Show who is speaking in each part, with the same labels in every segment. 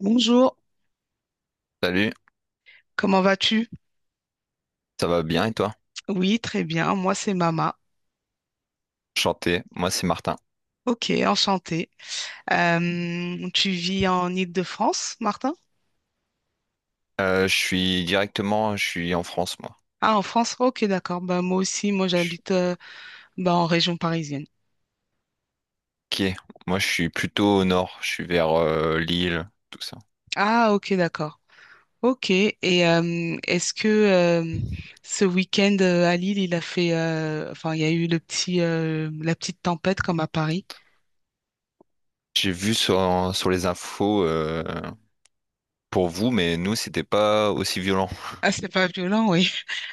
Speaker 1: Bonjour,
Speaker 2: Salut,
Speaker 1: comment vas-tu?
Speaker 2: ça va bien et toi?
Speaker 1: Oui, très bien, moi c'est Mama.
Speaker 2: Chanté, moi c'est Martin.
Speaker 1: Ok, enchantée. Tu vis en Île-de-France, Martin?
Speaker 2: Je suis directement, je suis en France moi.
Speaker 1: Ah, en France? Ok, d'accord. Bah, moi aussi, moi
Speaker 2: Je-
Speaker 1: j'habite bah, en région parisienne.
Speaker 2: Ok, moi je suis plutôt au nord, je suis vers Lille, tout ça.
Speaker 1: Ah, ok, d'accord. Ok, et est-ce que ce week-end à Lille, il a fait, enfin, il y a eu le la petite tempête comme à Paris?
Speaker 2: J'ai vu sur, sur les infos pour vous, mais nous c'était pas aussi violent,
Speaker 1: Ah, c'est pas violent, oui.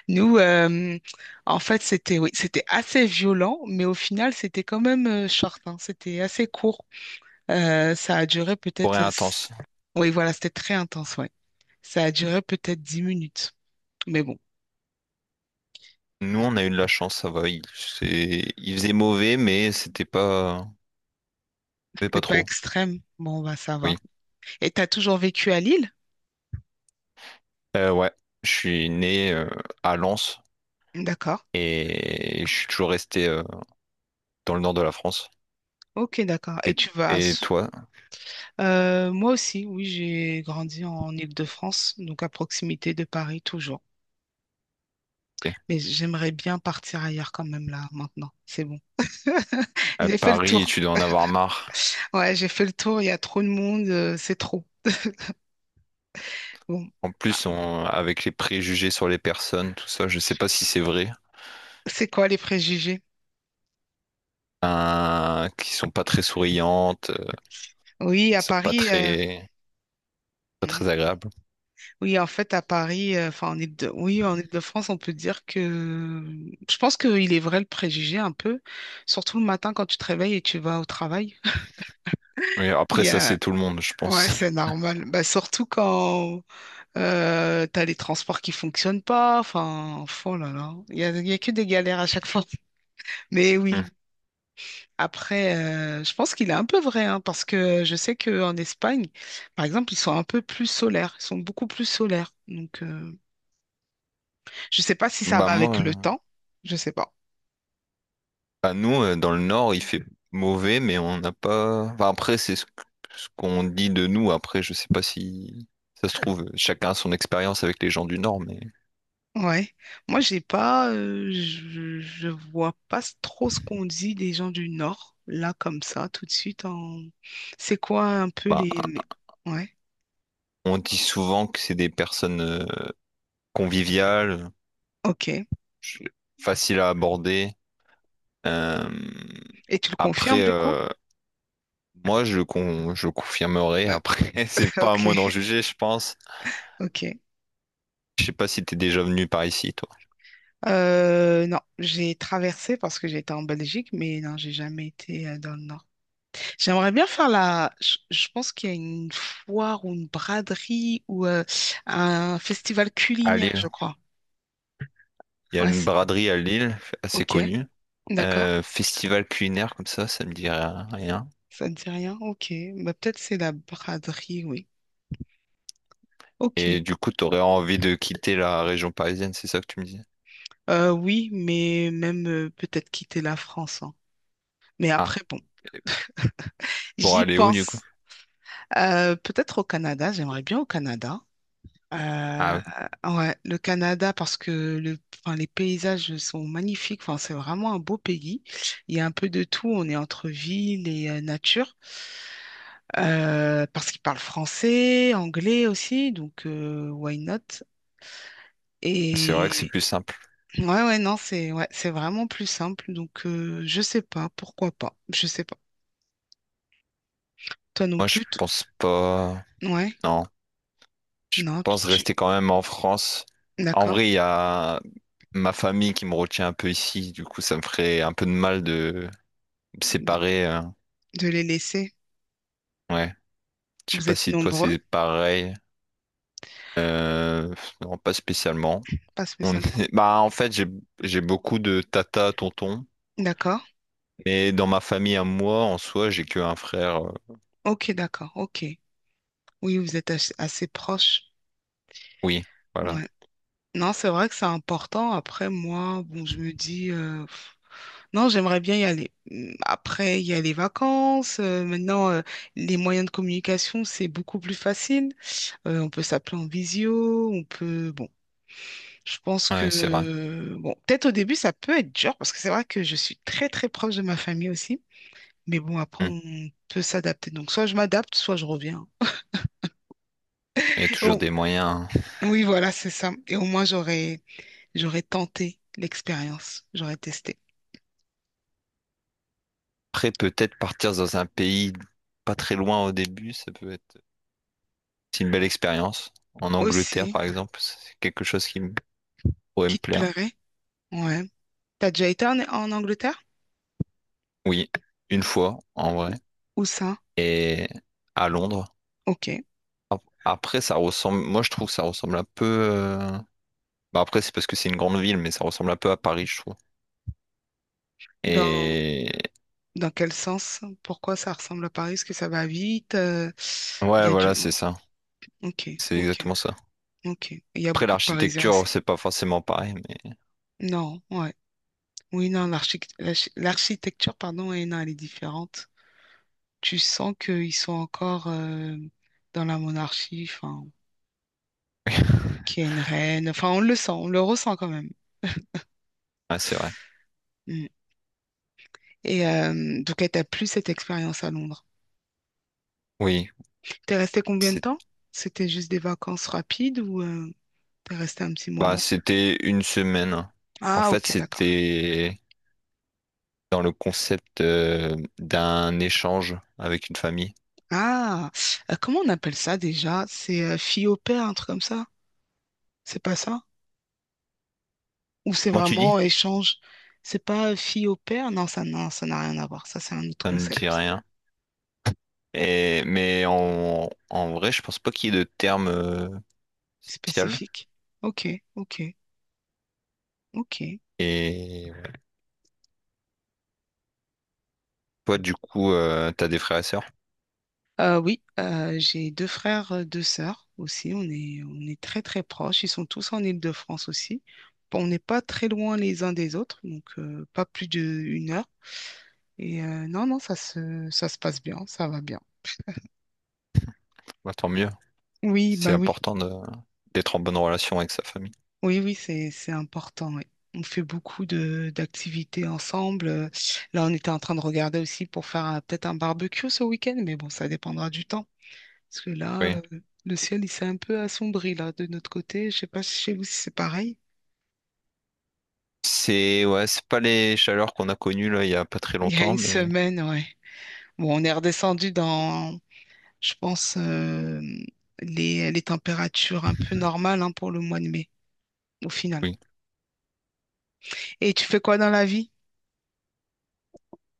Speaker 1: Nous, euh, En fait, c'était oui, c'était assez violent, mais au final, c'était quand même short, hein. C'était assez court. Ça a duré
Speaker 2: rien intense.
Speaker 1: Oui, voilà, c'était très intense, ouais. Ça a duré peut-être 10 minutes. Mais bon,
Speaker 2: Nous on a eu de la chance, ça va. Il, il faisait mauvais, mais c'était pas, mais pas
Speaker 1: c'est pas
Speaker 2: trop.
Speaker 1: extrême. Bon, bah, ça va.
Speaker 2: Oui.
Speaker 1: Et t'as toujours vécu à Lille?
Speaker 2: Euh, ouais, je suis né à Lens
Speaker 1: D'accord.
Speaker 2: et je suis toujours resté dans le nord de la France.
Speaker 1: Ok, d'accord. Et
Speaker 2: Et,
Speaker 1: tu vas... à
Speaker 2: et
Speaker 1: S-
Speaker 2: toi,
Speaker 1: Moi aussi, oui, j'ai grandi en Île-de-France, donc à proximité de Paris toujours. Mais j'aimerais bien partir ailleurs quand même là, maintenant. C'est bon.
Speaker 2: à
Speaker 1: J'ai fait le
Speaker 2: Paris,
Speaker 1: tour.
Speaker 2: tu dois en avoir marre.
Speaker 1: Ouais, j'ai fait le tour, il y a trop de monde, c'est trop. Bon,
Speaker 2: En
Speaker 1: ah,
Speaker 2: plus, avec les préjugés sur les personnes, tout ça, je sais pas si c'est vrai,
Speaker 1: c'est quoi les préjugés?
Speaker 2: hein, qui sont pas très souriantes,
Speaker 1: Oui, à
Speaker 2: qui sont pas
Speaker 1: Paris, euh,
Speaker 2: très, pas
Speaker 1: mm,
Speaker 2: très agréables.
Speaker 1: oui, en fait, à Paris, enfin, en oui, en Ile-de-France, on peut dire que je pense qu'il est vrai le préjugé un peu, surtout le matin quand tu te réveilles et tu vas au travail.
Speaker 2: Oui,
Speaker 1: Il
Speaker 2: après
Speaker 1: y
Speaker 2: ça, c'est
Speaker 1: a...
Speaker 2: tout le monde, je
Speaker 1: Ouais,
Speaker 2: pense.
Speaker 1: c'est normal. Bah, surtout quand tu as les transports qui fonctionnent pas. Enfin, oh là là, il y a que des galères à chaque fois. Mais oui, après, je pense qu'il est un peu vrai, hein, parce que je sais qu'en Espagne, par exemple, ils sont beaucoup plus solaires. Donc, je ne sais pas si
Speaker 2: Hmm.
Speaker 1: ça
Speaker 2: Bah
Speaker 1: va avec
Speaker 2: moi,
Speaker 1: le temps, je sais pas.
Speaker 2: bah nous, dans le Nord, il fait mauvais, mais on n'a pas. Enfin, après, c'est ce qu'on dit de nous. Après, je sais pas si ça se trouve, chacun a son expérience avec les gens du Nord, mais
Speaker 1: Ouais. Moi, j'ai pas, je vois pas s- trop ce qu'on dit des gens du Nord, là, comme ça, tout de suite. En... C'est quoi un peu
Speaker 2: bah,
Speaker 1: ouais,
Speaker 2: on dit souvent que c'est des personnes. Convivial,
Speaker 1: ok.
Speaker 2: je- facile à aborder. Euh,
Speaker 1: Et tu le
Speaker 2: après,
Speaker 1: confirmes, du coup?
Speaker 2: euh, moi, je confirmerai.
Speaker 1: Euh,
Speaker 2: Après, c'est pas à
Speaker 1: ok,
Speaker 2: moi d'en juger, je pense.
Speaker 1: ok.
Speaker 2: Je sais pas si t'es déjà venu par ici, toi.
Speaker 1: Non, j'ai traversé parce que j'étais en Belgique, mais non, j'ai jamais été dans le nord. J'aimerais bien faire la. Je pense qu'il y a une foire ou une braderie ou un festival
Speaker 2: À
Speaker 1: culinaire,
Speaker 2: Lille.
Speaker 1: je crois.
Speaker 2: Il y a
Speaker 1: Ouais,
Speaker 2: une
Speaker 1: c'est-
Speaker 2: braderie à Lille, assez
Speaker 1: ok,
Speaker 2: connue.
Speaker 1: d'accord.
Speaker 2: Festival culinaire comme ça me dit rien.
Speaker 1: Ça ne dit rien. Ok, bah, peut-être c'est la braderie, oui.
Speaker 2: Et
Speaker 1: Ok.
Speaker 2: du coup, t'aurais envie de quitter la région parisienne, c'est ça que tu me disais?
Speaker 1: Oui, mais même peut-être quitter la France, hein. Mais après,
Speaker 2: Ah,
Speaker 1: bon,
Speaker 2: pour
Speaker 1: j'y
Speaker 2: aller où du coup?
Speaker 1: pense. Peut-être au Canada. J'aimerais bien au Canada.
Speaker 2: Ah
Speaker 1: Euh,
Speaker 2: oui,
Speaker 1: ah ouais, le Canada, parce que enfin, les paysages sont magnifiques. Enfin, c'est vraiment un beau pays. Il y a un peu de tout. On est entre ville et nature. Parce qu'ils parlent français, anglais aussi. Donc, why not?
Speaker 2: c'est vrai que c'est
Speaker 1: Et
Speaker 2: plus simple.
Speaker 1: ouais, non, c'est vraiment plus simple. Donc, je sais pas. Pourquoi pas? Je sais pas. Toi non
Speaker 2: Moi, je
Speaker 1: plus? T-
Speaker 2: pense pas.
Speaker 1: Ouais,
Speaker 2: Non, je
Speaker 1: non, tu,
Speaker 2: pense
Speaker 1: tu-
Speaker 2: rester quand même en France. En
Speaker 1: d'accord.
Speaker 2: vrai, il y a ma famille qui me retient un peu ici, du coup, ça me ferait un peu de mal de me
Speaker 1: De,
Speaker 2: séparer.
Speaker 1: de les laisser.
Speaker 2: Ouais, je sais
Speaker 1: Vous
Speaker 2: pas
Speaker 1: êtes
Speaker 2: si toi
Speaker 1: nombreux?
Speaker 2: c'est pareil. Euh... Non, pas spécialement.
Speaker 1: Pas
Speaker 2: On
Speaker 1: spécialement.
Speaker 2: est- Bah, en fait, j'ai beaucoup de tata, tonton.
Speaker 1: D'accord.
Speaker 2: Mais dans ma famille à moi, en soi, j'ai que un frère.
Speaker 1: Ok, d'accord. Ok. Oui, vous êtes assez proche.
Speaker 2: Oui, voilà.
Speaker 1: Ouais. Non, c'est vrai que c'est important. Après, moi, bon, je me dis, non, j'aimerais bien y aller. Après, il y a les vacances, maintenant, les moyens de communication, c'est beaucoup plus facile. On peut s'appeler en visio, on peut, bon, je pense
Speaker 2: Ouais, c'est vrai.
Speaker 1: que, bon, peut-être au début, ça peut être dur parce que c'est vrai que je suis très, très proche de ma famille aussi. Mais bon, après,
Speaker 2: Hmm.
Speaker 1: on peut s'adapter. Donc, soit je m'adapte, soit je reviens.
Speaker 2: Il y a toujours
Speaker 1: Oh,
Speaker 2: des moyens, hein.
Speaker 1: oui, voilà, c'est ça. Et au moins, j'aurais tenté l'expérience. J'aurais testé.
Speaker 2: Après, peut-être partir dans un pays pas très loin au début, ça peut être c'est une belle expérience. En Angleterre,
Speaker 1: Aussi,
Speaker 2: par exemple, c'est quelque chose qui me pourrait me
Speaker 1: qui te
Speaker 2: plaire.
Speaker 1: plairait? Ouais. T'as déjà été en Angleterre?
Speaker 2: Oui, une fois, en vrai.
Speaker 1: Où ça?
Speaker 2: Et à Londres.
Speaker 1: Ok.
Speaker 2: Ap- Après, ça ressemble. Moi, je trouve que ça ressemble un peu. Bah, après, c'est parce que c'est une grande ville, mais ça ressemble un peu à Paris, je trouve.
Speaker 1: Dans,
Speaker 2: Et
Speaker 1: dans quel sens? Pourquoi ça ressemble à Paris? Est-ce que ça va vite? Il y
Speaker 2: ouais,
Speaker 1: a du
Speaker 2: voilà, c'est
Speaker 1: monde.
Speaker 2: ça.
Speaker 1: Ok,
Speaker 2: C'est
Speaker 1: ok,
Speaker 2: exactement ça.
Speaker 1: ok. Il y a
Speaker 2: Après,
Speaker 1: beaucoup de Parisiens
Speaker 2: l'architecture,
Speaker 1: aussi.
Speaker 2: c'est pas forcément pareil, mais
Speaker 1: Non, ouais. Oui, non, l'architecture, pardon, ouais, non, elle est différente. Tu sens qu'ils sont encore dans la monarchie, enfin, qu'il y a une reine. Enfin, on le sent, on le ressent quand même.
Speaker 2: ouais, c'est vrai.
Speaker 1: Hmm. Et donc, elle t'a plu cette expérience à Londres.
Speaker 2: Oui,
Speaker 1: T'es resté combien de
Speaker 2: c'est-
Speaker 1: temps? C'était juste des vacances rapides ou t'es resté un petit
Speaker 2: bah,
Speaker 1: moment?
Speaker 2: c'était une semaine. En
Speaker 1: Ah,
Speaker 2: fait,
Speaker 1: ok, d'accord.
Speaker 2: c'était dans le concept d'un échange avec une famille.
Speaker 1: Ah, comment on appelle ça déjà? C'est fille au père, un truc comme ça? C'est pas ça? Ou c'est
Speaker 2: Comment tu dis?
Speaker 1: vraiment échange? C'est pas fille au père? Non, ça, non, ça n'a rien à voir. Ça, c'est un autre
Speaker 2: Ça me dit
Speaker 1: concept
Speaker 2: rien. Et, mais en vrai, je pense pas qu'il y ait de terme spécial.
Speaker 1: spécifique. Ok, ok, ok.
Speaker 2: Et toi, du coup, t'as des frères et sœurs.
Speaker 1: Oui, j'ai deux frères, deux sœurs aussi. On est très très proches. Ils sont tous en Île-de-France aussi. Bon, on n'est pas très loin les uns des autres, donc pas plus d'une heure. Et non, non, ça se passe bien, ça va bien.
Speaker 2: Bah, tant mieux.
Speaker 1: Oui,
Speaker 2: C'est
Speaker 1: bah oui,
Speaker 2: important de- D'être en bonne relation avec sa famille.
Speaker 1: oui, oui, c'est important, oui. On fait beaucoup de d'activités ensemble. Là, on était en train de regarder aussi pour faire peut-être un barbecue ce week-end, mais bon, ça dépendra du temps. Parce que là,
Speaker 2: Oui.
Speaker 1: le ciel, il s'est un peu assombri, là, de notre côté. Je sais pas si chez vous, si c'est pareil.
Speaker 2: C'est ouais, c'est pas les chaleurs qu'on a connues là il y a pas très
Speaker 1: Il y a
Speaker 2: longtemps,
Speaker 1: une
Speaker 2: mais
Speaker 1: semaine, ouais. Bon, on est redescendu dans, je pense, les températures un peu normales, hein, pour le mois de mai, au final.
Speaker 2: oui.
Speaker 1: Et tu fais quoi dans la vie?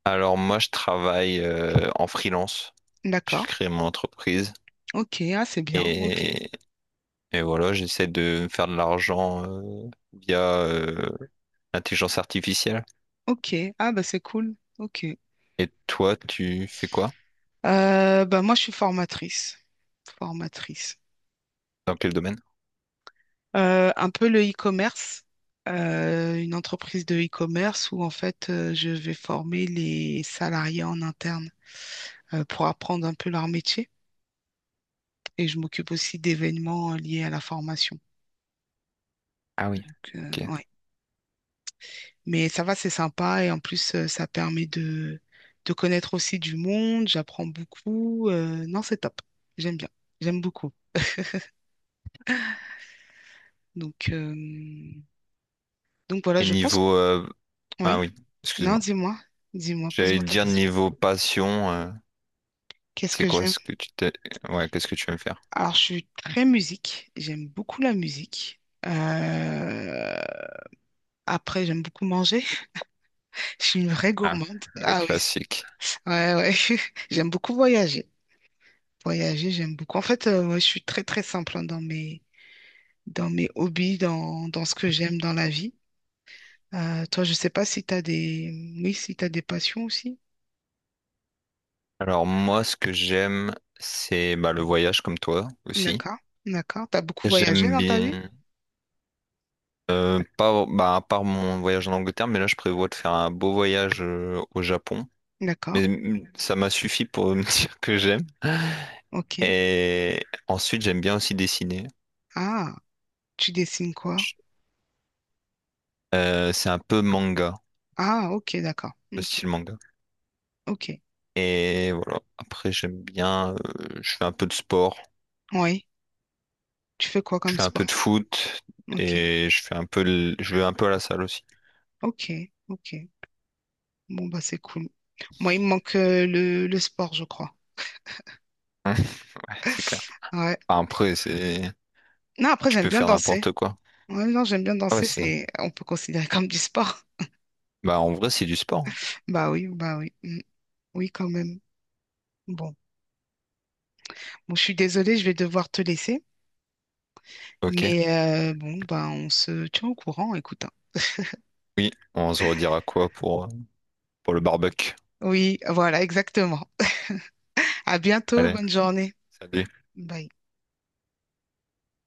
Speaker 2: Alors moi je travaille en freelance. J'ai
Speaker 1: D'accord.
Speaker 2: créé mon entreprise
Speaker 1: Ok, ah, c'est bien. Ok.
Speaker 2: et, et voilà, j'essaie de me faire de l'argent via l'intelligence artificielle.
Speaker 1: Ok. Ah, bah, c'est cool. Ok.
Speaker 2: Et toi, tu fais quoi?
Speaker 1: Bah, moi, je suis formatrice. Formatrice.
Speaker 2: Dans quel domaine?
Speaker 1: Un peu le e-commerce, une entreprise de e-commerce où en fait je vais former les salariés en interne pour apprendre un peu leur métier et je m'occupe aussi d'événements liés à la formation.
Speaker 2: Ah oui,
Speaker 1: Donc,
Speaker 2: ok.
Speaker 1: ouais. Mais ça va, c'est sympa et en plus ça permet de connaître aussi du monde, j'apprends beaucoup. Non, c'est top, j'aime bien, j'aime beaucoup. Donc, euh, donc voilà,
Speaker 2: Et
Speaker 1: je pense.
Speaker 2: niveau ah
Speaker 1: Oui,
Speaker 2: oui,
Speaker 1: non,
Speaker 2: excuse-moi.
Speaker 1: dis-moi, dis-moi,
Speaker 2: J'allais
Speaker 1: pose-moi
Speaker 2: te
Speaker 1: ta
Speaker 2: dire
Speaker 1: question.
Speaker 2: niveau passion,
Speaker 1: Qu'est-ce
Speaker 2: c'est
Speaker 1: que
Speaker 2: quoi
Speaker 1: j'aime?
Speaker 2: ce que tu t'es ouais, qu'est-ce que tu aimes faire?
Speaker 1: Alors, je suis très musique. J'aime beaucoup la musique. Après, j'aime beaucoup manger. Je suis une vraie
Speaker 2: Ah,
Speaker 1: gourmande.
Speaker 2: le
Speaker 1: Ah oui,
Speaker 2: classique.
Speaker 1: ouais, ouais. J'aime beaucoup voyager. Voyager, j'aime beaucoup. En fait, ouais, je suis très, très simple hein, dans dans mes hobbies, dans ce que j'aime dans la vie. Toi, je sais pas si tu as des... Oui, si tu des passions aussi.
Speaker 2: Alors moi, ce que j'aime, c'est bah, le voyage comme toi aussi.
Speaker 1: D'accord, d'accord. Tu as beaucoup voyagé
Speaker 2: J'aime
Speaker 1: dans ta vie?
Speaker 2: bien, pas, bah, à part mon voyage en Angleterre, mais là, je prévois de faire un beau voyage au Japon.
Speaker 1: D'accord,
Speaker 2: Mais mm, ça m'a suffi pour me dire que j'aime.
Speaker 1: ok.
Speaker 2: Et ensuite, j'aime bien aussi dessiner.
Speaker 1: Ah, tu dessines quoi?
Speaker 2: Je- c'est un peu manga,
Speaker 1: Ah, ok, d'accord,
Speaker 2: le
Speaker 1: ok,
Speaker 2: style manga.
Speaker 1: ok.
Speaker 2: Et voilà, après, j'aime bien, je fais un peu de sport,
Speaker 1: Oui. Tu fais quoi
Speaker 2: je
Speaker 1: comme
Speaker 2: fais un
Speaker 1: sport?
Speaker 2: peu de foot
Speaker 1: Ok,
Speaker 2: et je fais un peu, je vais un peu à la salle aussi.
Speaker 1: ok, ok. Bon, bah c'est cool. Moi, il me manque le sport, je crois.
Speaker 2: Ouais, c'est clair.
Speaker 1: Ouais.
Speaker 2: Enfin, après, c'est...
Speaker 1: Non, après,
Speaker 2: Tu
Speaker 1: j'aime
Speaker 2: peux
Speaker 1: bien
Speaker 2: faire
Speaker 1: danser.
Speaker 2: n'importe quoi.
Speaker 1: Ouais, non, j'aime bien
Speaker 2: Ah ouais,
Speaker 1: danser,
Speaker 2: c'est...
Speaker 1: c'est, on peut considérer comme du sport.
Speaker 2: Bah, en vrai, c'est du sport, hein.
Speaker 1: Bah oui, bah oui. Mm. Oui, quand même. Bon. Bon, je suis désolée, je vais devoir te laisser.
Speaker 2: Ok.
Speaker 1: Mais bon, bah on se tient au courant, écoute, hein.
Speaker 2: Oui, on se redira quoi pour le barbecue?
Speaker 1: Oui, voilà, exactement. À bientôt,
Speaker 2: Allez,
Speaker 1: bonne journée.
Speaker 2: salut.
Speaker 1: Bye.